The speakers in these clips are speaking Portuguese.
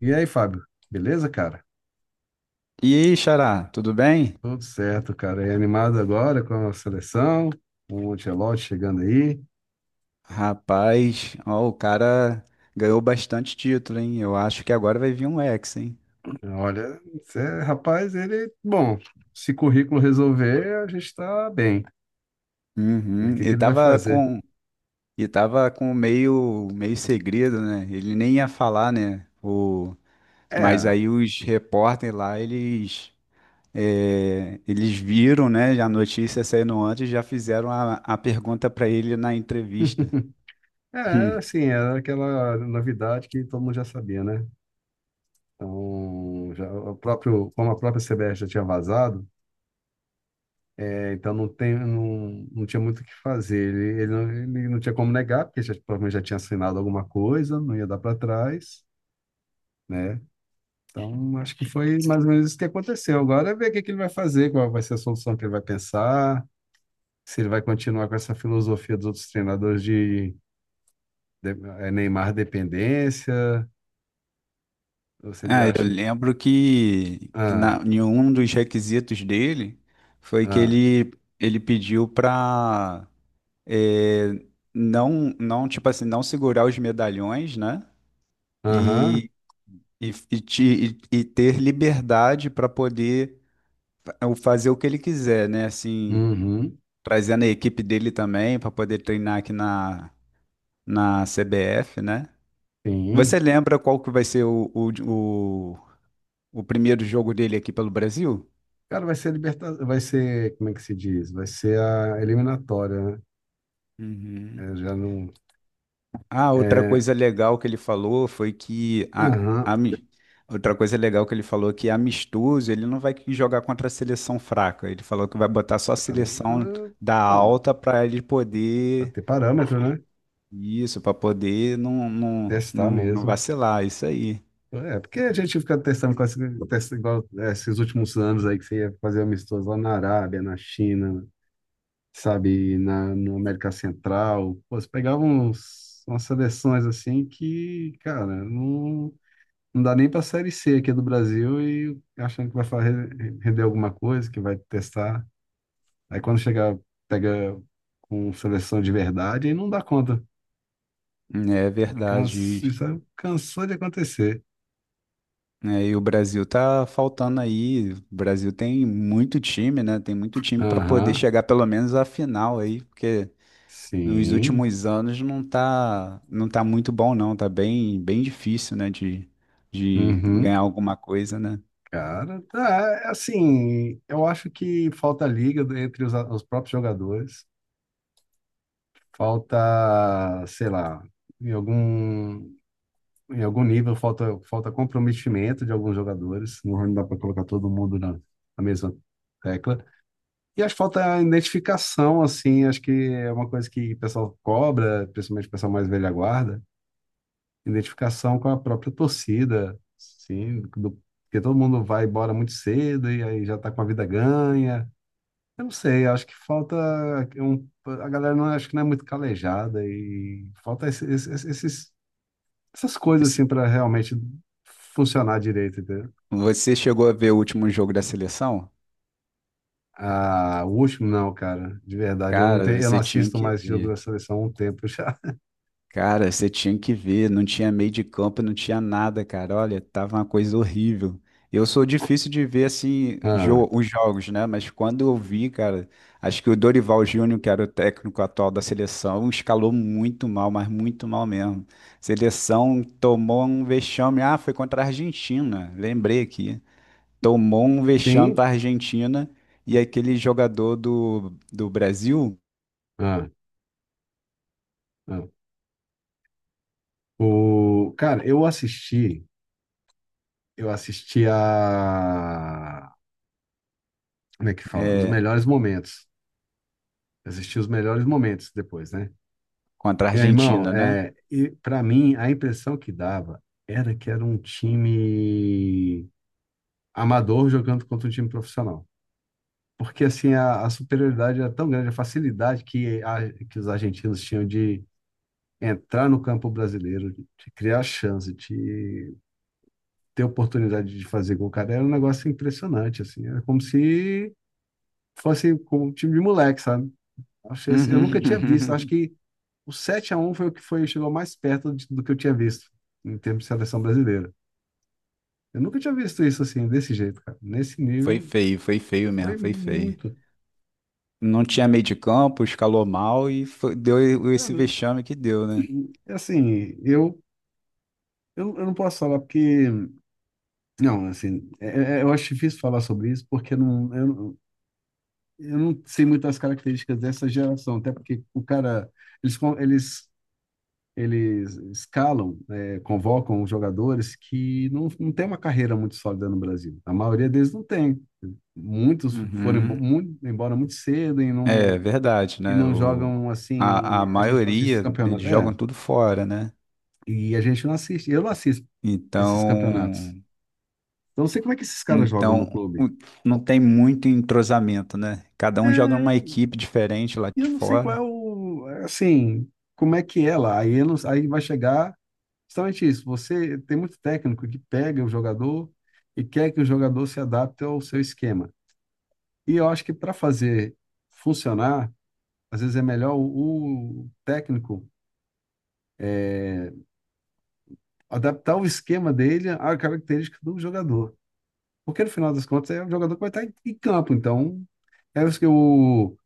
E aí, Fábio? Beleza, cara? E aí, Xará, tudo bem? Tudo certo, cara. E animado agora com a seleção, com o Ancelotti chegando aí. Rapaz, ó, o cara ganhou bastante título, hein? Eu acho que agora vai vir um ex, hein? Olha, rapaz, ele... Bom, se currículo resolver, a gente tá bem. O Uhum. que que ele vai fazer? E tava com meio segredo, né? Ele nem ia falar, né? O, mas É, aí os repórteres lá, eles, eles viram, né? A notícia saindo antes, já fizeram a pergunta pra ele na entrevista. é, assim, era aquela novidade que todo mundo já sabia, né? Então, já, o próprio, como a própria CBF já tinha vazado. Então não tem, não tinha muito o que fazer. Não, ele não tinha como negar, porque já, provavelmente já tinha assinado alguma coisa, não ia dar para trás, né? Então acho que foi mais ou menos isso que aconteceu. Agora é ver o que, que ele vai fazer, qual vai ser a solução que ele vai pensar, se ele vai continuar com essa filosofia dos outros treinadores de, de Neymar dependência, ou se ele Ah, eu acha. lembro que Ah, na, em um dos requisitos dele foi que ah, ele pediu para não, tipo assim, não segurar os medalhões, né? aham, E, e, e, te- e ter liberdade para poder pa- fazer o que ele quiser, né? Assim, uhum, trazendo a equipe dele também para poder treinar aqui na CBF, né? Você sim. lembra qual que vai ser o, o primeiro jogo dele aqui pelo Brasil? Cara, vai ser liberta... vai ser, como é que se diz? Vai ser a eliminatória, né? Uhum. Eu já não. Ah, outra É, coisa legal que ele falou foi que aham, outra coisa legal que ele falou que amistoso, ele não vai que jogar contra a seleção fraca. Ele falou que vai botar só a seleção caramba, da bom, alta para ele vai poder ter parâmetro, né? isso, para poder não, não, Testar não, não mesmo. vacilar, isso aí. É, porque a gente fica testando com esse- testa igual, é, esses últimos anos aí que você ia fazer amistoso lá na Arábia, na China, sabe, na América Central. Pô, você pegava uns, umas seleções assim que, cara, não, não dá nem pra Série C aqui do Brasil e achando que vai fa- render alguma coisa, que vai testar. Aí quando chega, pega com seleção de verdade, aí não dá conta. É Cansa, verdade. isso aí cansou de acontecer. É, e o Brasil tá faltando aí. O Brasil tem muito time, né? Tem muito time para poder Aham, chegar pelo menos à final aí, porque nos sim. últimos anos não tá muito bom, não. Tá bem difícil, né, de Uhum. ganhar alguma coisa, né? Cara, tá, é assim, eu acho que falta liga entre os próprios jogadores, falta, sei lá, em algum, em algum nível falta, falta comprometimento de alguns jogadores, não dá para colocar todo mundo na, na mesma tecla. E acho que falta a identificação, assim, acho que é uma coisa que o pessoal cobra, principalmente o pessoal mais velha guarda, identificação com a própria torcida, sim, do, porque todo mundo vai embora muito cedo e aí já está com a vida ganha. Eu não sei, acho que falta um, a galera não acho que não é muito calejada e falta esses, essas coisas Você assim para realmente funcionar direito, entendeu? você chegou a ver o último jogo da seleção? Ah, o último não, cara, de verdade, eu não Cara, tenho, eu não você tinha assisto que mais jogos ver. da seleção há um tempo já. Cara, você tinha que ver, não tinha meio de campo, não tinha nada, cara. Olha, tava uma coisa horrível. Eu sou difícil de ver assim Ah. Os jogos, né? Mas quando eu vi, cara, acho que o Dorival Júnior, que era o técnico atual da seleção, escalou muito mal, mas muito mal mesmo. Seleção tomou um vexame. Ah, foi contra a Argentina, lembrei aqui. Tomou um Tem. vexame para a Argentina e aquele jogador do Brasil Ah, ah. O... Cara, eu assisti a. Como é que fala? Os é, melhores momentos. Assisti os melhores momentos depois, né? contra a Meu irmão, Argentina, né? é... e para mim, a impressão que dava era que era um time amador jogando contra um time profissional. Porque, assim, a superioridade era tão grande, a facilidade que, a- que os argentinos tinham de entrar no campo brasileiro, de criar chance, de ter a oportunidade de fazer gol, cara, era um negócio impressionante, assim. Era como se fosse como um time de moleque, sabe? Achei assim, eu nunca tinha visto. Acho Uhum. que o 7 a um foi o que foi, chegou mais perto de- do que eu tinha visto em termos de seleção brasileira. Eu nunca tinha visto isso assim, desse jeito, cara. Nesse nível, foi feio mesmo, foi foi feio. muito. Não tinha meio de campo, escalou mal e deu esse Cara, vexame que deu, né? assim, eu não posso falar porque. Não, assim, é, eu acho difícil falar sobre isso porque não, eu, não- eu não sei muito as características dessa geração, até porque o cara. Eles, com- eles escalam, convocam os jogadores que não, não têm uma carreira muito sólida no Brasil. A maioria deles não tem. Muitos foram embo- Uhum. mu- embora muito cedo É verdade, e né? não O, jogam assim. a A gente não assiste os maioria, eles campeonatos. É, jogam tudo fora, né? e a gente não assiste. Eu não assisto esses campeonatos. Então, Então não sei como é que esses caras jogam então no o- clube. não tem muito entrosamento, né? Cada um joga numa É, equipe diferente lá e eu de não sei qual é fora. o. Assim, como é que é lá. Aí, eu não- aí vai chegar. Justamente isso. Você tem muito técnico que pega o jogador e quer que o jogador se adapte ao seu esquema. E eu acho que para fazer funcionar, às vezes é melhor o técnico adaptar o esquema dele à característica do jogador. Porque no final das contas é o jogador que vai estar em, em campo. Então, é isso que o,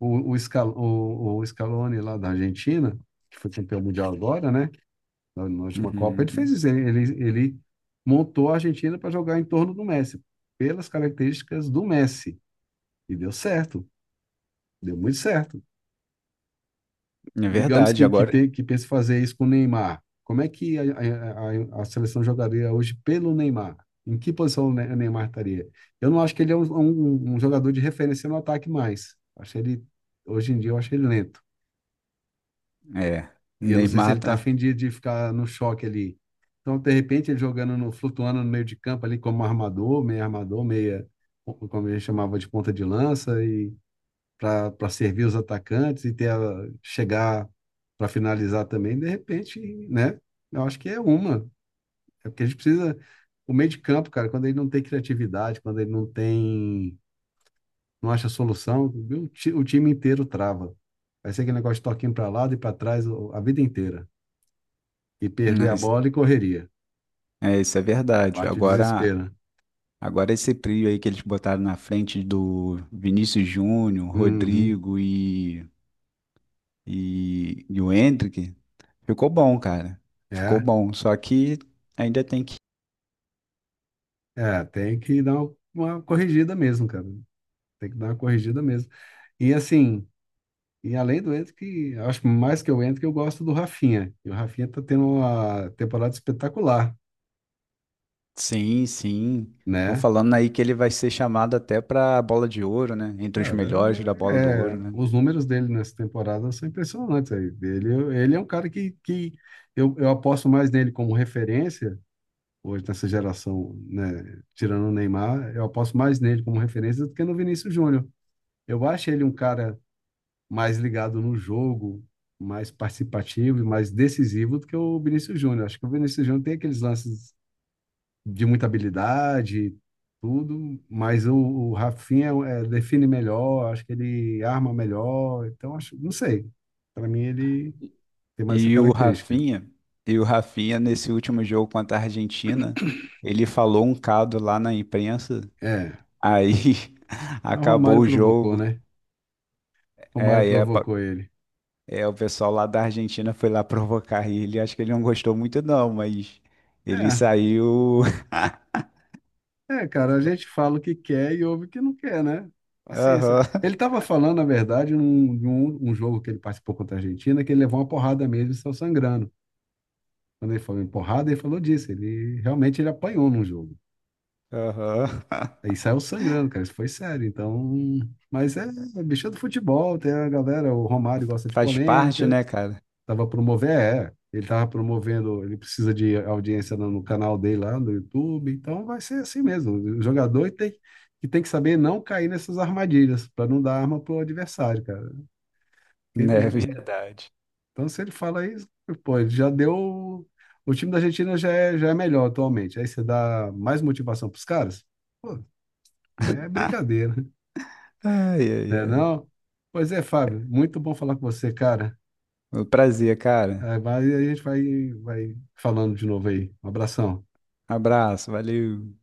o, o, Scal, o Scaloni lá da Argentina, que foi campeão mundial agora, né? Na última Copa, ele fez Uhum. isso. Ele montou a Argentina para jogar em torno do Messi, pelas características do Messi. E deu certo, deu muito certo. É Digamos verdade, que, agora tem, que pense fazer isso com o Neymar. Como é que a seleção jogaria hoje pelo Neymar? Em que posição o Ne- o Neymar estaria? Eu não acho que ele é um jogador de referência no ataque mais. Acho ele, hoje em dia, eu acho ele lento. é. O E eu não sei se Neymar ele está tá. afim de ficar no choque ali. Então, de repente, ele jogando no, flutuando no meio de campo ali como armador, meio armador, meia, como a gente chamava de ponta de lança, e para servir os atacantes e ter a- chegar para finalizar também, de repente, né? Eu acho que é uma. É porque a gente precisa. O meio de campo, cara, quando ele não tem criatividade, quando ele não tem. Não acha solução, viu? O ti- o time inteiro trava. Vai ser aquele negócio de toquinho para lado e para trás o- a vida inteira. E perder a Mas, bola e correria. é, isso é verdade. Bate o desespero. Né? Agora esse trio aí que eles botaram na frente do Vinícius Júnior, Uhum. Rodrigo e o Hendrick, ficou bom, cara. Ficou É, bom. Só que ainda tem que. Tem que dar uma corrigida mesmo, cara. Tem que dar uma corrigida mesmo. E assim, e além do Ento, que eu acho mais que o Ento, que eu gosto do Rafinha. E o Rafinha tá tendo uma temporada espetacular, Sim, sim. Estão né? falando aí que ele vai ser chamado até pra bola de ouro, né? Entre os melhores Cara, da bola do ouro, é, né? os números dele nessa temporada são impressionantes aí. Ele é um cara que eu aposto mais nele como referência hoje nessa geração, né, tirando o Neymar, eu aposto mais nele como referência do que no Vinícius Júnior. Eu acho ele um cara mais ligado no jogo, mais participativo e mais decisivo do que o Vinícius Júnior. Acho que o Vinícius Júnior tem aqueles lances de muita habilidade, tudo, mas o Rafinha é, define melhor, acho que ele arma melhor, então acho, não sei. Para mim ele tem mais essa E o característica. Rafinha, e o Rafinha nesse último jogo contra a Argentina, ele falou um cado lá na imprensa, É, aí o acabou Romário o provocou, jogo. né? O É, Romário aí é, provocou ele. É, o pessoal lá da Argentina foi lá provocar ele. Acho que ele não gostou muito, não, mas ele É, saiu. é, cara, a gente fala o que quer e ouve o que não quer, né? Paciência. Aham, Ele estava falando, na verdade, num, de um jogo que ele participou contra a Argentina, que ele levou uma porrada mesmo e saiu sangrando. Quando ele falou em porrada, ele falou disso. Ele realmente ele apanhou num jogo. aham. Aí saiu sangrando, cara. Isso foi sério. Então, mas é, é bicho do futebol, tem a galera, o Romário gosta de Faz parte, polêmica. né, cara? Tava promovendo, ele tava promovendo, ele precisa de audiência no canal dele lá no YouTube, então vai ser assim mesmo. O jogador tem que saber não cair nessas armadilhas para não dar arma pro adversário, cara. Porque, É verdade. então se ele fala isso, pô, ele já deu o time da Argentina já é melhor atualmente. Aí você dá mais motivação pros caras? Pô, é brincadeira, Ai, ai, né ai. não? Pois é, Fábio, muito bom falar com você, cara. Foi um prazer, cara. É, vai, vai falando de novo aí. Um abração. Abraço, valeu.